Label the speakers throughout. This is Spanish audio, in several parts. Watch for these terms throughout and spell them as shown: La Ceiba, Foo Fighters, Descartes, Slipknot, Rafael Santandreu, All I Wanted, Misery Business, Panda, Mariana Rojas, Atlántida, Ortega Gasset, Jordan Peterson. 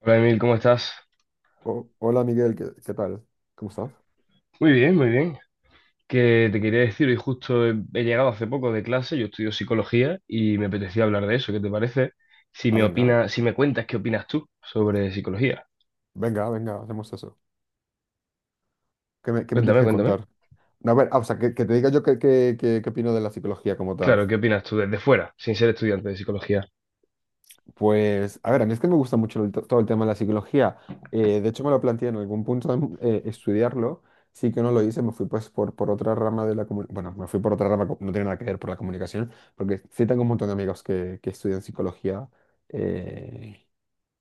Speaker 1: Hola Emil, ¿cómo estás?
Speaker 2: Oh, hola Miguel, ¿qué tal? ¿Cómo estás?
Speaker 1: Muy bien, muy bien. Que te quería decir, hoy justo he llegado hace poco de clase, yo estudio psicología y me apetecía hablar de eso. ¿Qué te parece? Si
Speaker 2: Ah,
Speaker 1: me
Speaker 2: venga,
Speaker 1: opinas, si me cuentas qué opinas tú sobre psicología.
Speaker 2: venga, venga, hacemos eso. ¿Qué me tienes
Speaker 1: Cuéntame,
Speaker 2: que
Speaker 1: cuéntame.
Speaker 2: contar? No, a ver, o sea, que te diga yo qué opino de la psicología como tal.
Speaker 1: Claro, ¿qué opinas tú desde fuera, sin ser estudiante de psicología?
Speaker 2: Pues, a ver, a mí es que me gusta mucho todo el tema de la psicología. De hecho, me lo planteé en algún punto estudiarlo. Sí que no lo hice, me fui pues por otra rama de la comunicación. Bueno, me fui por otra rama, no tiene nada que ver por la comunicación, porque sí tengo un montón de amigos que estudian psicología. eh,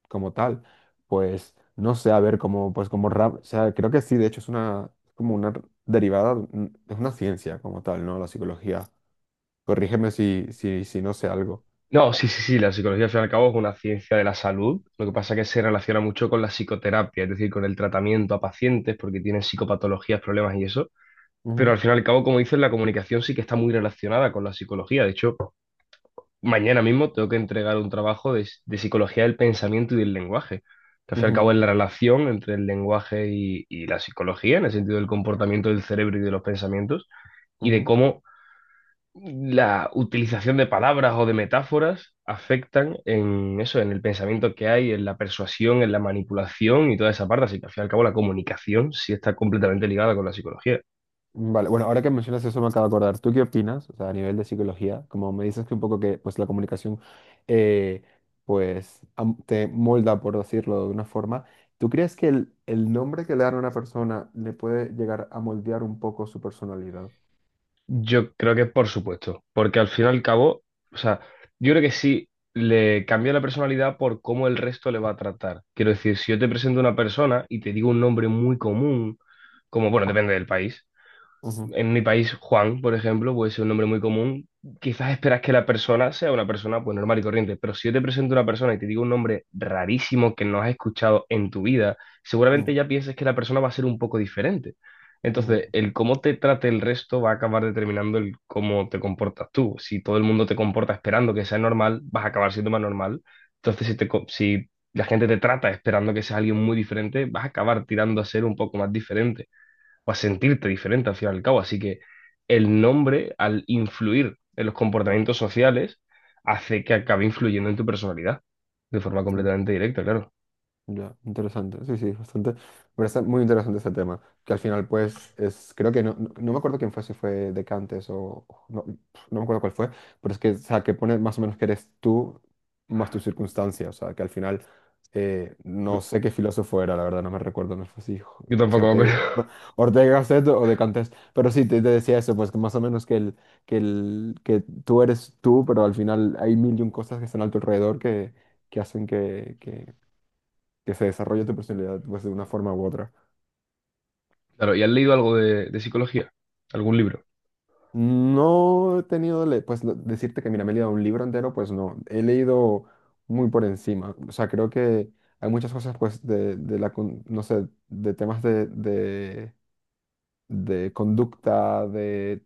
Speaker 2: como tal. Pues no sé, a ver, como, pues como rama, o sea, creo que sí, de hecho es como una derivada, es una ciencia como tal, ¿no? La psicología. Corrígeme si no sé algo.
Speaker 1: No, sí, sí, sí, la psicología al fin y al cabo es una ciencia de la salud. Lo que pasa es que se relaciona mucho con la psicoterapia, es decir, con el tratamiento a pacientes porque tienen psicopatologías, problemas y eso. Pero
Speaker 2: Ujú,
Speaker 1: al fin y al cabo, como dices, la comunicación sí que está muy relacionada con la psicología. De hecho, mañana mismo tengo que entregar un trabajo de psicología del pensamiento y del lenguaje, que al fin y al
Speaker 2: ujú,
Speaker 1: cabo es la relación entre el lenguaje y la psicología, en el sentido del comportamiento del cerebro y de los pensamientos, y de
Speaker 2: ujú.
Speaker 1: cómo la utilización de palabras o de metáforas afectan en eso, en el pensamiento que hay, en la persuasión, en la manipulación y toda esa parte. Así que al fin y al cabo la comunicación sí está completamente ligada con la psicología.
Speaker 2: Vale, bueno, ahora que mencionas eso me acabo de acordar. ¿Tú qué opinas? O sea, a nivel de psicología, como me dices que un poco que pues la comunicación eh, pues te molda, por decirlo de una forma. ¿Tú crees que el nombre que le dan a una persona le puede llegar a moldear un poco su personalidad?
Speaker 1: Yo creo que por supuesto, porque al fin y al cabo, o sea, yo creo que sí le cambia la personalidad por cómo el resto le va a tratar. Quiero decir, si yo te presento a una persona y te digo un nombre muy común, como, bueno, depende del país, en mi país, Juan, por ejemplo, puede ser un nombre muy común. Quizás esperas que la persona sea una persona pues normal y corriente, pero si yo te presento a una persona y te digo un nombre rarísimo que no has escuchado en tu vida, seguramente
Speaker 2: Mm,
Speaker 1: ya pienses que la persona va a ser un poco diferente.
Speaker 2: mm,
Speaker 1: Entonces,
Speaker 2: mm.
Speaker 1: el cómo te trate el resto va a acabar determinando el cómo te comportas tú. Si todo el mundo te comporta esperando que sea normal, vas a acabar siendo más normal. Entonces, si la gente te trata esperando que seas alguien muy diferente, vas a acabar tirando a ser un poco más diferente o a sentirte diferente al fin y al cabo. Así que el nombre, al influir en los comportamientos sociales, hace que acabe influyendo en tu personalidad de forma completamente directa, claro.
Speaker 2: Ya, interesante. Sí, sí, bastante. Me parece muy interesante ese tema. Que al final, pues, es. Creo que no me acuerdo quién fue, si fue Descartes o. O no, no me acuerdo cuál fue. Pero es que, o sea, que pone más o menos que eres tú más tu circunstancia. O sea, que al final. No sé qué filósofo era, la verdad, no me recuerdo. No sé si,
Speaker 1: Yo
Speaker 2: si
Speaker 1: tampoco me
Speaker 2: Ortega,
Speaker 1: acuerdo.
Speaker 2: Ortega Gasset o Descartes. Pero sí, te decía eso, pues, que más o menos que tú eres tú, pero al final hay mil y un cosas que están a tu alrededor que hacen que se desarrolle tu personalidad pues, de una forma u otra.
Speaker 1: Claro, ¿y has leído algo de psicología? ¿Algún libro?
Speaker 2: No he tenido, pues decirte que mira, me he leído un libro entero, pues no, he leído muy por encima. O sea, creo que hay muchas cosas pues no sé, de temas de conducta, de.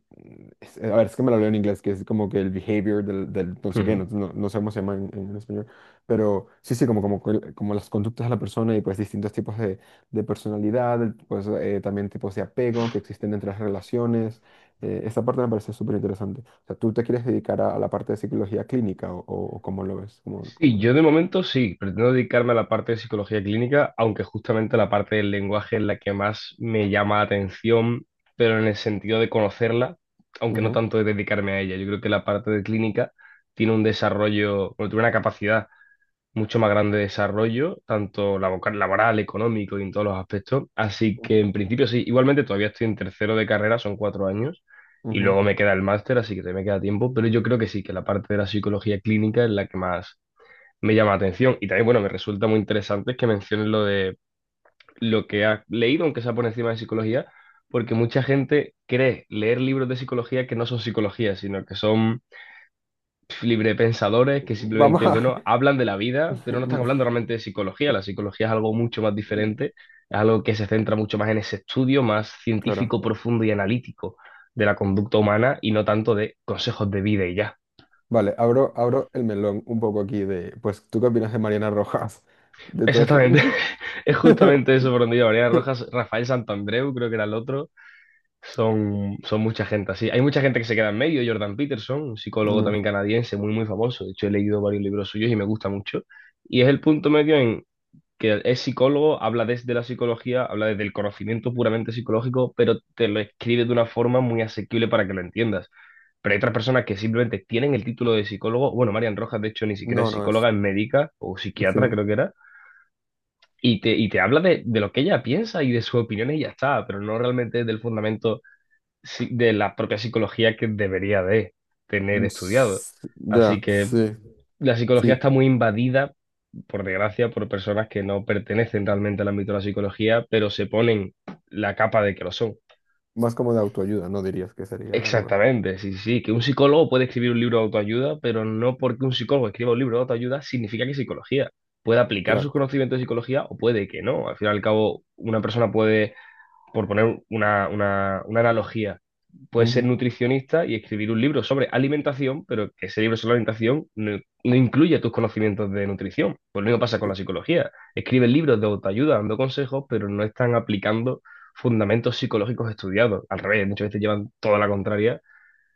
Speaker 2: A ver, es que me lo leo en inglés, que es como que el behavior del no sé qué, no sé cómo se llama en español, pero sí, sí, como las conductas de la persona y pues distintos tipos de personalidad, pues también tipos de apego que existen entre las relaciones. Esta parte me parece súper interesante. O sea, ¿tú te quieres dedicar a la parte de psicología clínica o cómo lo ves? Cómo, cómo
Speaker 1: Sí,
Speaker 2: lo
Speaker 1: yo de
Speaker 2: ves?
Speaker 1: momento sí, pretendo dedicarme a la parte de psicología clínica, aunque justamente la parte del lenguaje es la que más me llama la atención, pero en el sentido de conocerla, aunque no
Speaker 2: Ujú,
Speaker 1: tanto de dedicarme a ella. Yo creo que la parte de clínica tiene un desarrollo, bueno, tiene una capacidad mucho más grande de desarrollo, tanto labo- laboral, económico y en todos los aspectos. Así que
Speaker 2: ujú,
Speaker 1: en principio sí, igualmente todavía estoy en tercero de carrera, son cuatro años. Y
Speaker 2: ujú.
Speaker 1: luego me queda el máster, así que todavía me queda tiempo, pero yo creo que sí, que la parte de la psicología clínica es la que más me llama la atención. Y también, bueno, me resulta muy interesante que menciones lo de lo que has leído, aunque sea por encima de psicología, porque mucha gente cree leer libros de psicología que no son psicología, sino que son pf, librepensadores que
Speaker 2: Vamos
Speaker 1: simplemente,
Speaker 2: a.
Speaker 1: bueno, hablan de la vida, pero no están hablando realmente de psicología. La psicología es algo mucho más diferente, es algo que se centra mucho más en ese estudio más
Speaker 2: Claro.
Speaker 1: científico, profundo y analítico de la conducta humana y no tanto de consejos de vida y ya.
Speaker 2: Vale, abro el melón un poco aquí de, pues, ¿tú qué opinas de Mariana Rojas? De todo eso.
Speaker 1: Exactamente, es justamente eso por donde iba. Mariana Rojas, Rafael Santandreu, creo que era el otro. Son mucha gente así. Hay mucha gente que se queda en medio. Jordan Peterson, un psicólogo
Speaker 2: Mm.
Speaker 1: también canadiense, muy, muy famoso. De hecho, he leído varios libros suyos y me gusta mucho. Y es el punto medio en que es psicólogo, habla desde la psicología, habla desde el conocimiento puramente psicológico, pero te lo escribe de una forma muy asequible para que lo entiendas. Pero hay otras personas que simplemente tienen el título de psicólogo. Bueno, Marian Rojas, de hecho, ni siquiera es
Speaker 2: No, no
Speaker 1: psicóloga,
Speaker 2: es.
Speaker 1: es médica o
Speaker 2: Sí.
Speaker 1: psiquiatra, creo que era y te habla de lo que ella piensa y de sus opiniones y ya está, pero no realmente del fundamento de la propia psicología que debería de tener estudiado. Así
Speaker 2: Ya,
Speaker 1: que
Speaker 2: sí,
Speaker 1: la psicología
Speaker 2: sí.
Speaker 1: está muy invadida, por desgracia, por personas que no pertenecen realmente al ámbito de la psicología, pero se ponen la capa de que lo son.
Speaker 2: Más como de autoayuda, ¿no? Dirías que sería algo así.
Speaker 1: Exactamente, sí, sí, sí, que un psicólogo puede escribir un libro de autoayuda, pero no porque un psicólogo escriba un libro de autoayuda significa que es psicología. Puede aplicar sus
Speaker 2: Claro.
Speaker 1: conocimientos de psicología o puede que no. Al fin y al cabo, una persona puede, por poner una analogía, puedes ser
Speaker 2: Ujú,
Speaker 1: nutricionista y escribir un libro sobre alimentación, pero que ese libro sobre alimentación no, no incluye tus conocimientos de nutrición. Pues lo mismo pasa con la
Speaker 2: cl-
Speaker 1: psicología. Escriben libros de autoayuda dando consejos, pero no están aplicando fundamentos psicológicos estudiados. Al revés, muchas veces llevan toda la contraria.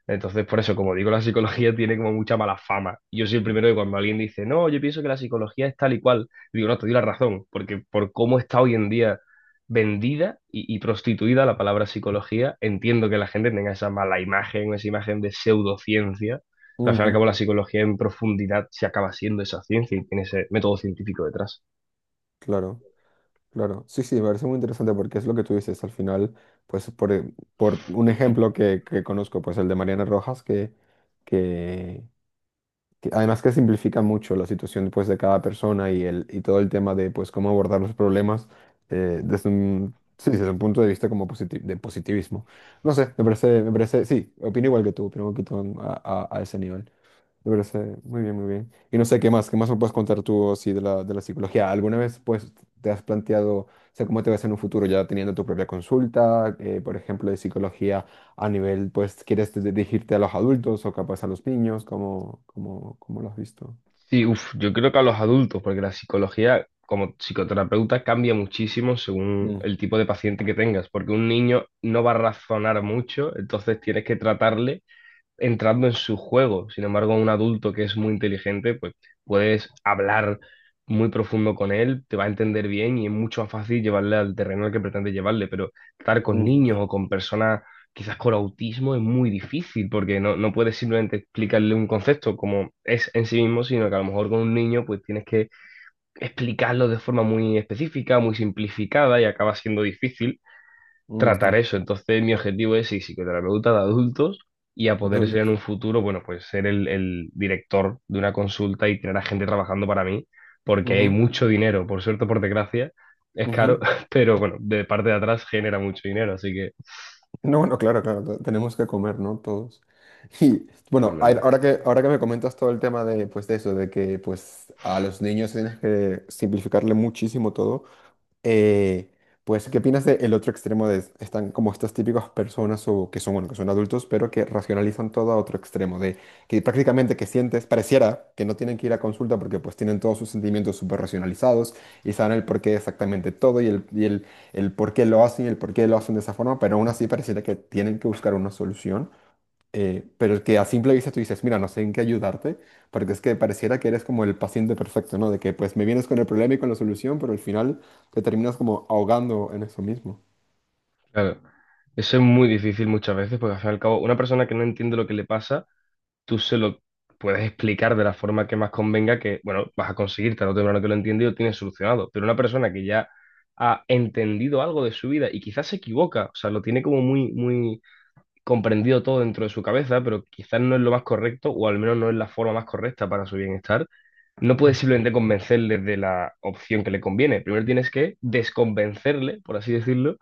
Speaker 1: Entonces, por eso, como digo, la psicología tiene como mucha mala fama. Y yo soy el primero que cuando alguien dice, no, yo pienso que la psicología es tal y cual, digo, no, te doy la razón, porque por cómo está hoy en día vendida y prostituida la palabra psicología, entiendo que la gente tenga esa mala imagen, esa imagen de pseudociencia, pero al fin y al cabo
Speaker 2: ujú.
Speaker 1: la psicología en profundidad se acaba siendo esa ciencia y tiene ese método científico detrás.
Speaker 2: Claro, claro. Sí, sí, me parece muy interesante porque es lo que tú dices. Al final, pues, por un ejemplo que conozco, pues el de Mariana Rojas, que, además que simplifica mucho la situación pues, de cada persona y todo el tema de pues, cómo abordar los problemas sí, desde un punto de vista como de positivismo. No sé, me parece, sí, opino igual que tú, opino un poquito a ese nivel. Me parece muy bien, muy bien. Y no sé qué más me puedes contar tú así de la psicología. ¿Alguna vez pues te has planteado, o sea, cómo te ves en un futuro ya teniendo tu propia consulta, por ejemplo, de psicología a nivel, pues, quieres dirigirte a los adultos o capaz a los niños? ¿Cómo lo has visto?
Speaker 1: Sí, uf, yo creo que a los adultos, porque la psicología como psicoterapeuta cambia muchísimo según
Speaker 2: Mm,
Speaker 1: el tipo de paciente que tengas, porque un niño no va a razonar mucho, entonces tienes que tratarle entrando en su juego. Sin embargo, un adulto que es muy inteligente, pues puedes hablar muy profundo con él, te va a entender bien y es mucho más fácil llevarle al terreno al que pretende llevarle, pero estar con
Speaker 2: ujú,
Speaker 1: niños o con personas quizás con autismo es muy difícil porque no, no puedes simplemente explicarle un concepto como es en sí mismo, sino que a lo mejor con un niño pues tienes que explicarlo de forma muy específica, muy simplificada y acaba siendo difícil tratar
Speaker 2: ujú,
Speaker 1: eso. Entonces, mi objetivo es sí, psicoterapeuta de adultos y a
Speaker 2: de
Speaker 1: poder ser en un
Speaker 2: adultos.
Speaker 1: futuro, bueno, pues ser el director de una consulta y tener a gente trabajando para mí, porque hay
Speaker 2: Ujú,
Speaker 1: mucho dinero, por suerte o por desgracia, es caro,
Speaker 2: ujú.
Speaker 1: pero bueno, de parte de atrás genera mucho dinero, así que
Speaker 2: No, no, claro, claro, tenemos que comer, ¿no? Todos. Y bueno, ahora
Speaker 1: realmente,
Speaker 2: que, ahora que me comentas todo el tema de, pues, de eso, de que pues a los niños tienes que simplificarle muchísimo todo, eh, pues, ¿qué opinas del otro extremo de están como estas típicas personas o que son, bueno, que son adultos, pero que racionalizan todo a otro extremo, de que prácticamente que sientes, pareciera que no tienen que ir a consulta porque pues tienen todos sus sentimientos súper racionalizados y saben el porqué de exactamente todo y el por qué lo hacen y el por qué lo hacen de esa forma, pero aún así pareciera que tienen que buscar una solución pero el que a simple vista tú dices, mira, no sé en qué ayudarte, porque es que pareciera que eres como el paciente perfecto, ¿no? De que pues me vienes con el problema y con la solución, pero al final te terminas como ahogando en eso mismo.
Speaker 1: claro. Eso es muy difícil muchas veces, porque al fin y al cabo, una persona que no entiende lo que le pasa, tú se lo puedes explicar de la forma que más convenga que, bueno, vas a conseguir tarde o temprano que lo entiende y lo tienes solucionado. Pero una persona que ya ha entendido algo de su vida y quizás se equivoca, o sea, lo tiene como muy, muy comprendido todo dentro de su cabeza, pero quizás no es lo más correcto o al menos no es la forma más correcta para su bienestar, no puedes simplemente convencerle de la opción que le conviene. Primero tienes que desconvencerle, por así decirlo,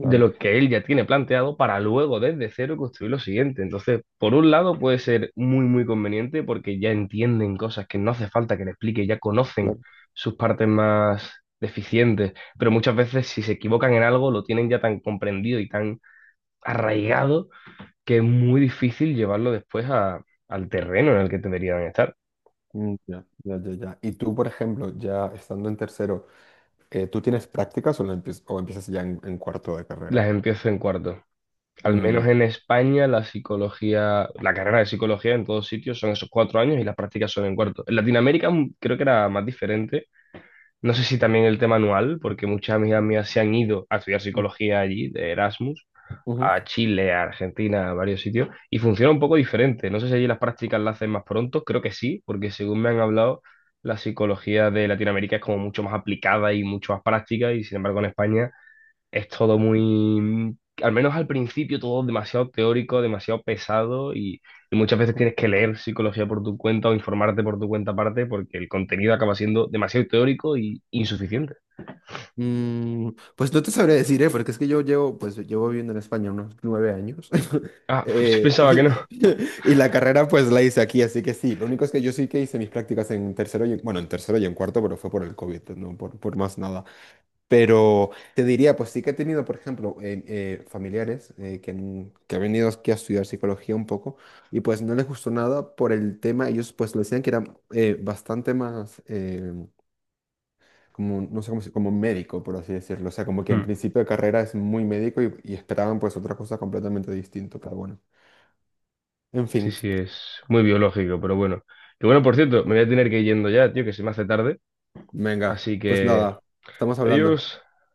Speaker 1: de lo que él ya tiene planteado para luego desde cero construir lo siguiente. Entonces, por un lado puede ser muy, muy conveniente porque ya entienden cosas que no hace falta que le explique, ya conocen
Speaker 2: claro.
Speaker 1: sus partes más deficientes, pero muchas veces si se equivocan en algo lo tienen ya tan comprendido y tan arraigado que es muy difícil llevarlo después al terreno en el que deberían estar.
Speaker 2: Mm. Ya, ya, ya, ya. Y tú, por ejemplo, ya estando en tercero, ¿tú tienes prácticas o empiezas ya en cuarto de
Speaker 1: Las
Speaker 2: carrera?
Speaker 1: empiezo en cuarto. Al menos
Speaker 2: Mm,
Speaker 1: en España, la psicología, la carrera de psicología en todos sitios son esos 4 años y las prácticas son en cuarto. En Latinoamérica creo que era más diferente. No sé si también el tema anual, porque muchas amigas mías se han ido a estudiar
Speaker 2: mm,
Speaker 1: psicología allí, de Erasmus, a
Speaker 2: ujú.
Speaker 1: Chile, a Argentina, a varios sitios, y funciona un poco diferente. No sé si allí las prácticas las hacen más pronto, creo que sí, porque según me han hablado, la psicología de Latinoamérica es como mucho más aplicada y mucho más práctica, y sin embargo en España es todo muy, al menos al principio, todo demasiado teórico, demasiado pesado y muchas veces tienes que leer psicología por tu cuenta o informarte por tu cuenta aparte porque el contenido acaba siendo demasiado teórico y insuficiente.
Speaker 2: Pues no te sabré decir, ¿eh? Porque es que yo llevo, pues llevo viviendo en España unos 9 años.
Speaker 1: Ah, sí pensaba que
Speaker 2: Eh,
Speaker 1: no.
Speaker 2: y la carrera pues la hice aquí, así que sí. Lo único es que yo sí que hice mis prácticas en tercero y, bueno, en tercero y en cuarto, pero fue por el COVID, no por más nada. Pero te diría, pues sí que he tenido, por ejemplo, familiares que han venido aquí a estudiar psicología un poco y pues no les gustó nada por el tema. Ellos pues lo decían que era bastante más, como, no sé cómo como médico, por así decirlo. O sea, como que en
Speaker 1: Mm.
Speaker 2: principio de carrera es muy médico y esperaban pues otra cosa completamente distinta, pero bueno. En
Speaker 1: Sí,
Speaker 2: fin,
Speaker 1: sí, es muy biológico, pero bueno. Que bueno, por cierto, me voy a tener que ir yendo ya, tío, que se me hace tarde.
Speaker 2: venga,
Speaker 1: Así
Speaker 2: pues
Speaker 1: que,
Speaker 2: nada, estamos hablando.
Speaker 1: adiós.